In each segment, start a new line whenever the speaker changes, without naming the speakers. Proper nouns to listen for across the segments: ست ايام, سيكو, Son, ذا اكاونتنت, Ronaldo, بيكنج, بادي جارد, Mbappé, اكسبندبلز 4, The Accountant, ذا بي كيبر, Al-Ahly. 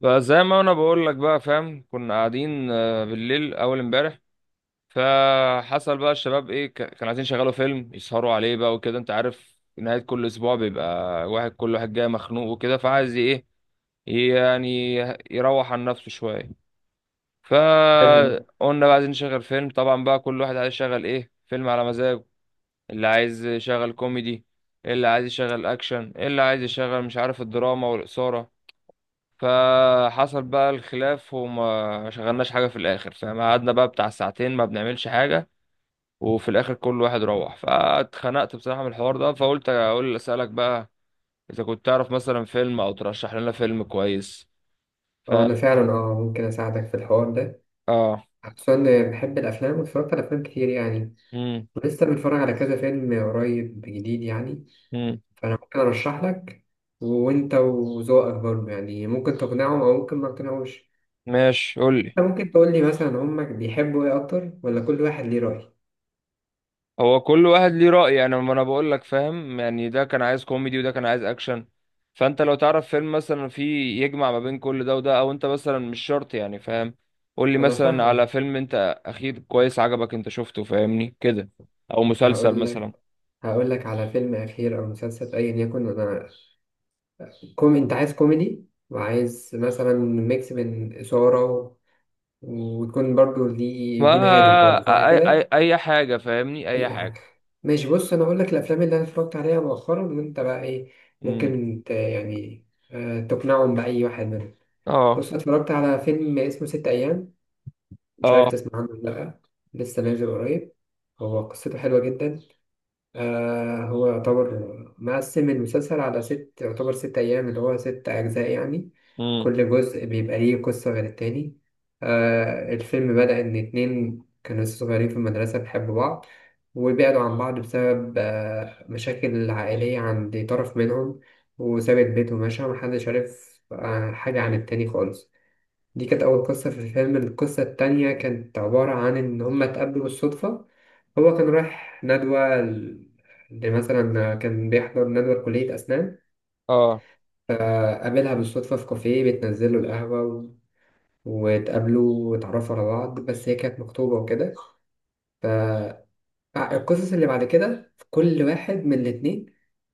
فزي ما انا بقول لك بقى، فاهم؟ كنا قاعدين بالليل اول امبارح. فحصل بقى الشباب ايه، كانوا عايزين يشغلوا فيلم يسهروا عليه بقى وكده. انت عارف، نهاية كل اسبوع بيبقى كل واحد جاي مخنوق وكده، فعايز ايه يعني؟ يروح عن نفسه شوية.
حلو.
فقلنا بقى عايزين نشغل فيلم. طبعا بقى كل واحد عايز يشغل ايه، فيلم على مزاجه. اللي عايز يشغل كوميدي، اللي عايز يشغل اكشن، اللي عايز يشغل مش عارف الدراما والإثارة. فحصل بقى الخلاف وما شغلناش حاجة في الآخر، فاهم؟ قعدنا بقى بتاع ساعتين ما بنعملش حاجة، وفي الآخر كل واحد روح. فاتخنقت بصراحة من الحوار ده، فقلت أقول أسألك بقى، إذا كنت تعرف مثلا فيلم، أو ترشح لنا فيلم كويس. ف
اه انا فعلا، ممكن اساعدك في الحوار ده،
آه.
خصوصا إني بحب الافلام واتفرجت على افلام كتير يعني،
مم.
ولسه بنتفرج على كذا فيلم قريب جديد يعني.
مم.
فانا ممكن ارشح لك، وانت وذوقك برضه يعني ممكن تقنعهم او ممكن ما تقنعوش.
ماشي، قول لي.
انت ممكن تقول لي مثلا هما بيحبوا ايه اكتر، ولا كل واحد ليه رأي؟
هو كل واحد ليه رأي. انا ما انا بقول لك، فاهم يعني، ده كان عايز كوميدي وده كان عايز اكشن. فانت لو تعرف فيلم مثلا فيه يجمع ما بين كل ده وده، او انت مثلا مش شرط يعني، فاهم؟ قول لي
انا
مثلا على
فاهم.
فيلم انت اخير كويس عجبك انت شفته، فاهمني كده؟ او مسلسل
هقول لك،
مثلا.
هقول لك على فيلم اخير او مسلسل ايا يكن. انا كوم انت عايز كوميدي، وعايز مثلا ميكس بين اثاره، ويكون برضو ليه، يكون هادف
ما
برضو، صح
اي اي
كده؟
اي حاجة، فاهمني؟ اي
اي
حاجة.
حاجه. ماشي، بص انا اقول لك الافلام اللي انا اتفرجت عليها مؤخرا وانت بقى ايه،
امم.
ممكن يعني، تقنعهم باي واحد منهم. بص
اه.
أنا اتفرجت على فيلم اسمه ست ايام، مش عارف
اه.
تسمع عنه ولا لا. لسه نازل قريب. هو قصته حلوه جدا. هو يعتبر مقسم المسلسل على ست، يعتبر ست أيام اللي هو ست أجزاء يعني.
امم.
كل جزء بيبقى ليه قصة غير التاني. الفيلم بدأ إن اتنين كانوا لسه صغيرين في المدرسة بيحبوا بعض، وبعدوا عن بعض بسبب مشاكل عائلية عند طرف منهم، وسابت بيته ومشى، محدش عارف حاجة عن التاني خالص. دي كانت أول قصة في الفيلم. القصة التانية كانت عبارة عن إن هما اتقابلوا بالصدفة. هو كان رايح ندوة، لمثلا كان بيحضر ندوة كلية أسنان،
اه.
فقابلها بالصدفة في كافيه بتنزل له القهوة، واتقابلوا واتعرفوا على بعض، بس هي كانت مخطوبة وكده. فالقصص اللي بعد كده كل واحد من الاتنين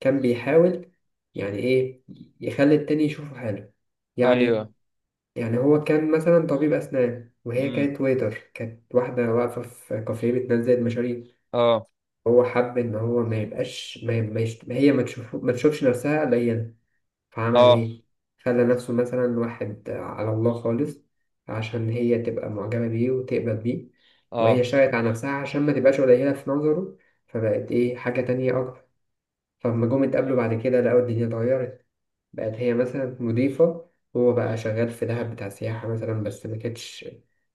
كان بيحاول، يعني إيه، يخلي التاني يشوفه حاله يعني.
ايوه.
يعني هو كان مثلا طبيب أسنان، وهي
امم.
كانت ويتر، كانت واحدة واقفة في كافيه بتنزل المشاريب.
اه
هو حب إن هو ما يبقاش، ما ما يش... هي ما تشوف، ما تشوفش نفسها قليلا. فعمل
اه.
إيه؟ خلى نفسه مثلا واحد على الله خالص، عشان هي تبقى معجبة بيه وتقبل بيه. وهي
اه.
شايت على نفسها عشان ما تبقاش قليلة في نظره، فبقت إيه، حاجة تانية أكتر. فلما جم اتقابلوا بعد كده لقوا الدنيا اتغيرت. بقت هي مثلا مضيفة، هو بقى شغال في دهب بتاع سياحة مثلا، بس ما كانتش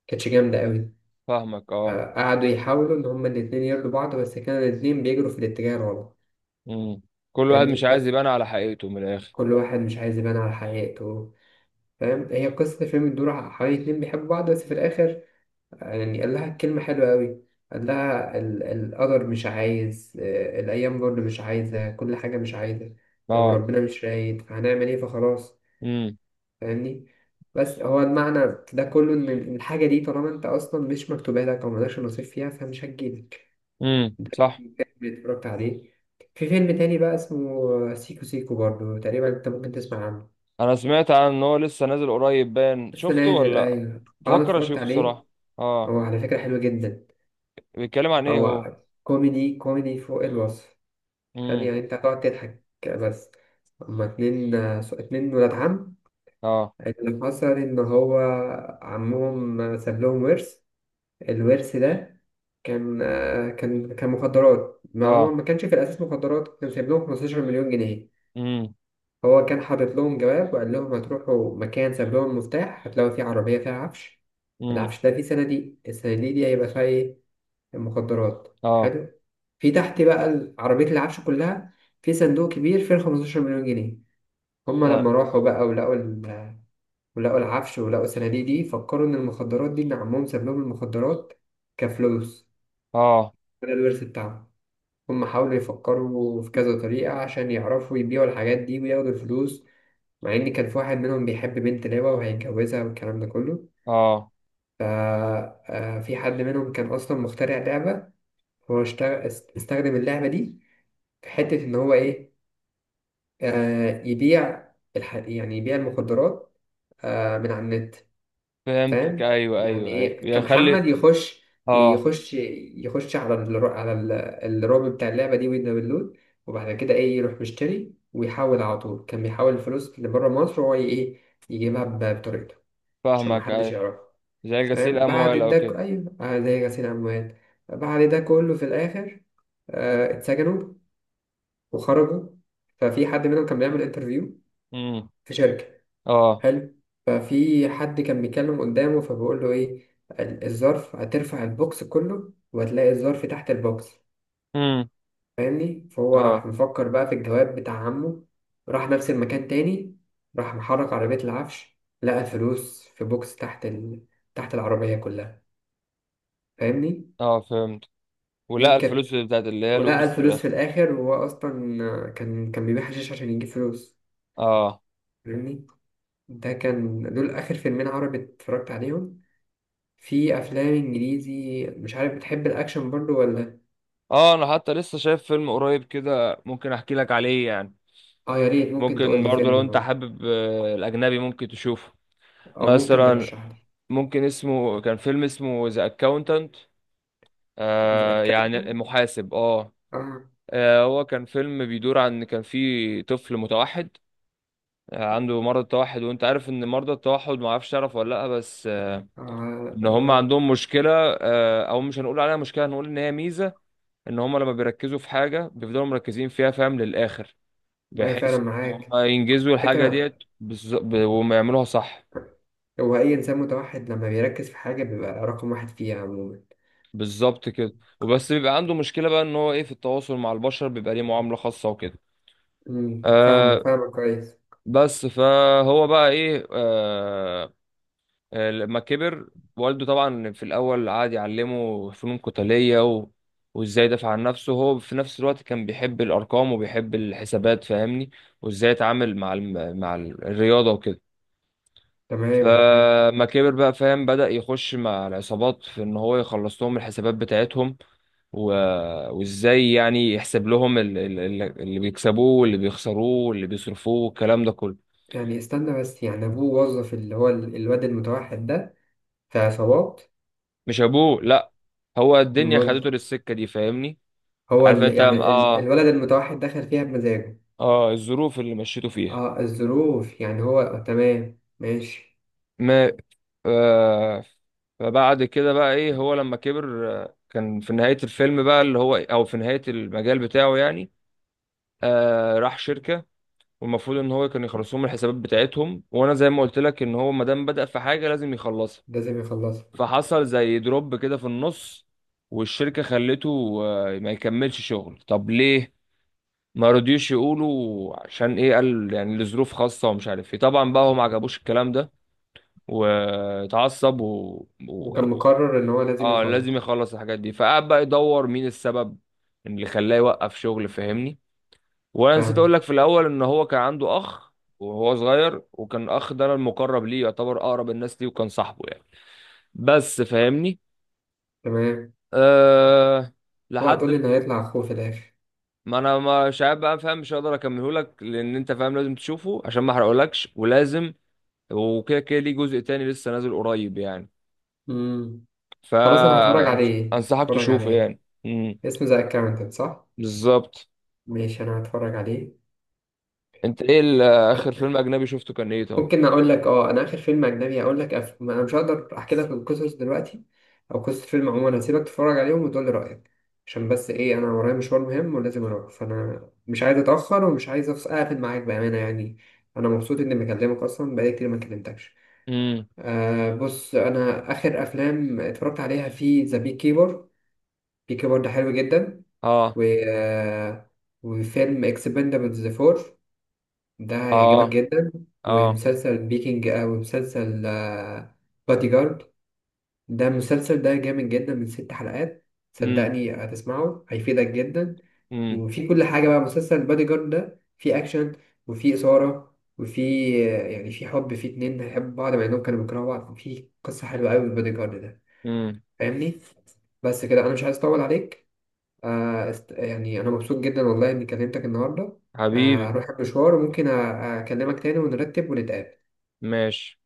كانتش جامدة قوي.
فاهمك، اه.
فقعدوا يحاولوا إن هما الاتنين يرضوا بعض، بس كانوا الاتنين بيجروا في الاتجاه الغلط.
امم. كل واحد مش
فاهمني،
عايز
بس
يبان على حقيقته من الاخر.
كل واحد مش عايز يبان على حقيقته. فاهم، هي قصة الفيلم بتدور حوالي اتنين بيحبوا بعض، بس في الآخر يعني قال لها كلمة حلوة قوي. قال لها القدر مش عايز، الأيام برضه مش عايزة، كل حاجة مش عايزة،
اه.
وربنا مش رايد، فهنعمل إيه؟ فخلاص.
امم.
فاهمني؟ بس هو المعنى ده كله، ان الحاجه دي طالما انت اصلا مش مكتوبه لك، او مالكش نصيب فيها، فمش هتجيلك.
امم، صح.
فيلم اتفرجت عليه. في فيلم تاني بقى اسمه سيكو سيكو برضه، تقريبا انت ممكن تسمع عنه.
انا سمعت عن ان هو لسه نازل قريب، باين.
لسه
شفته ولا
نازل،
لأ؟
ايوه، اه انا
بفكر
اتفرجت
اشوفه
عليه.
الصراحه. اه.
هو على فكره حلو جدا.
بيتكلم عن ايه هو؟
هو كوميدي، كوميدي فوق الوصف. حلو
امم.
يعني، انت هتقعد تضحك بس. هما اتنين، اتنين ولاد عم.
اه.
اللي حصل ان هو عمهم ساب لهم ورث. الورث ده كان، كان مخدرات. ما هو
اه.
ما كانش في الأساس مخدرات، كان سايب لهم 15 مليون جنيه.
امم.
هو كان حاطط لهم جواب وقال لهم هتروحوا مكان، ساب لهم المفتاح، هتلاقوا فيه عربية فيها عفش.
امم.
العفش ده فيه صناديق، الصناديق دي هيبقى فيها إيه؟ المخدرات.
اه.
حلو. في تحت بقى عربية العفش كلها، في صندوق كبير فيه 15 مليون جنيه. هما
ت-
لما راحوا بقى ولقوا ولقوا العفش، ولقوا الصناديق دي، فكروا إن المخدرات دي، إن عمهم ساب لهم المخدرات كفلوس،
اه.
ده الورث بتاعهم. هم حاولوا يفكروا في كذا طريقة عشان يعرفوا يبيعوا الحاجات دي وياخدوا الفلوس. مع إن كان في واحد منهم بيحب بنت لعبة وهيتجوزها والكلام ده كله.
اه.
في حد منهم كان أصلا مخترع لعبة. هو اشتغل، استخدم اللعبة دي في حتة إن هو إيه، يبيع يعني يبيع المخدرات من على النت.
فهمتك،
فاهم
ايوه
يعني
ايوه ايوه،
ايه
بيخلي.
كمحمد يخش،
اه.
يخش يخش على على الرعب بتاع اللعبه دي، ويدنا باللود. وبعد كده ايه، يروح مشتري ويحول على طول، كان بيحول الفلوس اللي بره مصر، هو ايه يجيبها بطريقته عشان
فاهمك،
محدش
ايوه.
يعرفه.
زي غسيل
فاهم،
اموال
بعد
او
ده
كده.
ايوه، زي غسيل اموال. بعد ده كله في الاخر، اتسجنوا وخرجوا. ففي حد منهم كان بيعمل انترفيو
امم.
في شركه.
اه.
حلو. ففي حد كان بيتكلم قدامه فبيقول له ايه، الظرف هترفع البوكس كله وهتلاقي الظرف تحت البوكس.
امم.
فاهمني، فهو راح
اه.
مفكر بقى في الجواب بتاع عمه. راح نفس المكان تاني، راح محرك عربية العفش، لقى الفلوس في بوكس تحت تحت العربية كلها. فاهمني؟
اه، فهمت.
دي
ولا
كانت،
الفلوس اللي هي
ولقى
الورث في
الفلوس في
الاخر.
الآخر، وهو أصلا كان بيبيع حشيش عشان يجيب فلوس.
اه.
فاهمني. ده كان دول آخر فيلمين عربي اتفرجت عليهم. في افلام انجليزي، مش عارف بتحب الاكشن برضو ولا.
اه، انا حتى لسه شايف فيلم قريب كده، ممكن احكي لك عليه يعني.
اه يا ريت، ممكن
ممكن
تقول لي
برضه لو
فيلم
انت
برضو
حابب الاجنبي، ممكن تشوفه
او ممكن
مثلا.
ترشح لي.
ممكن كان فيلم اسمه ذا اكاونتنت.
ذا
يعني
اكاونتنت.
المحاسب، اه.
اه
هو كان فيلم بيدور عن، كان في طفل متوحد. عنده مرض التوحد، وانت عارف ان مرضى التوحد، ما اعرفش تعرف ولا لا، بس
اه
ان هم
اه.
عندهم مشكلة. او مش هنقول عليها مشكلة، هنقول ان هي ميزة. ان هم لما بيركزوا في حاجة بيفضلوا مركزين فيها، فاهم، للاخر.
ايوه فعلا
بحيث ان
معاك
هم ينجزوا الحاجه
فكرة.
ديت وما يعملوها صح.
هو اي انسان متوحد لما بيركز في حاجة بيبقى رقم واحد فيها عموما.
بالظبط كده. وبس بيبقى عنده مشكله بقى، ان هو ايه، في التواصل مع البشر بيبقى ليه معامله خاصه وكده.
امم، فاهمك،
آه.
فاهمك كويس.
بس فهو بقى ايه. لما كبر، والده طبعا في الاول قعد يعلمه فنون قتاليه وازاي يدافع عن نفسه. هو في نفس الوقت كان بيحب الارقام وبيحب الحسابات، فاهمني، وازاي يتعامل مع مع الرياضه وكده.
تمام معاك.
فما كبر بقى، فاهم، بدأ يخش مع العصابات في ان هو يخلص لهم الحسابات بتاعتهم و... وازاي يعني يحسب لهم اللي بيكسبوه واللي بيخسروه واللي بيصرفوه والكلام ده كله.
يعني استنى بس، يعني ابوه وظف اللي هو الواد المتوحد ده في عصابات؟
مش ابوه، لا. هو الدنيا
أمال،
خدته للسكة دي، فاهمني.
هو
عارف
اللي
انت،
يعني
اه.
الولد المتوحد دخل فيها بمزاجه؟
اه، الظروف اللي مشيته فيها.
اه الظروف، يعني هو تمام، ماشي.
ما آه فبعد كده بقى ايه، هو لما كبر كان في نهاية الفيلم بقى، اللي هو او في نهاية المجال بتاعه يعني، راح شركة، والمفروض ان هو كان يخلص لهم الحسابات بتاعتهم. وانا زي ما قلت لك، ان هو ما دام بدأ في حاجه لازم يخلصها.
لازم يخلصها.
فحصل زي دروب كده في النص، والشركه خلته ما يكملش شغل. طب ليه؟ ما رضيوش يقولوا عشان ايه. قال يعني لظروف خاصه ومش عارف ايه. طبعا بقى هو ما عجبوش الكلام ده، واتعصب و...
وكان
و...
مقرر ان هو لازم
اه، لازم
يخلص.
يخلص الحاجات دي. فقعد بقى يدور مين السبب اللي خلاه يوقف شغل، فاهمني؟ وانا نسيت اقول لك
فاهمك،
في الاول ان هو كان عنده اخ وهو صغير، وكان الاخ ده المقرب ليه، يعتبر اقرب الناس ليه وكان صاحبه يعني، بس، فاهمني؟
تمام.
أه.
اوعى
لحد،
تقولي ان هيطلع اخوه في الاخر.
ما انا مش عارف بقى، فاهم، مش هقدر اكمله لك، لان انت فاهم لازم تشوفه عشان ما احرقهولكش. ولازم، وكده كده، ليه جزء تاني لسه نازل قريب يعني.
امم، خلاص انا هتفرج عليه،
فانصحك
هتفرج
تشوفه
عليه.
يعني.
اسمه ذا اكاونتنت صح؟
بالظبط.
ماشي، انا هتفرج عليه.
انت ايه اخر فيلم اجنبي شفته كان ايه طب؟
ممكن اقول لك، اه انا اخر فيلم اجنبي هقول لك، ما انا مش هقدر احكي لك القصص دلوقتي او قصة فيلم عموما. هسيبك تتفرج عليهم وتقول لي رأيك، عشان بس ايه، انا ورايا مشوار مهم ولازم اروح. فانا مش عايز اتأخر، ومش عايز اقفل معاك بأمانة يعني. انا مبسوط اني بكلمك اصلا، بقالي كتير ما كلمتكش.
امم.
بص انا اخر افلام اتفرجت عليها في ذا بي كيبر. بي كيبر ده حلو جدا.
اه.
و وفيلم اكسبندبلز 4، ده
اه.
هيعجبك جدا.
اه.
ومسلسل بيكنج، ومسلسل بادي جارد. ده المسلسل ده جامد جدا، من 6 حلقات.
امم.
صدقني هتسمعه هيفيدك جدا. وفي كل حاجة بقى، مسلسل بادي جارد ده في أكشن، وفي إثارة، وفي يعني في حب، في اتنين هيحبوا بعض مع إنهم كانوا بيكرهوا بعض، في قصة حلوة أوي في بادي جارد ده.
امم.
فاهمني؟ بس كده أنا مش عايز أطول عليك. يعني أنا مبسوط جدا والله إني كلمتك النهاردة.
حبيبي.
أروح المشوار، وممكن أكلمك تاني ونرتب ونتقابل.
ماشي.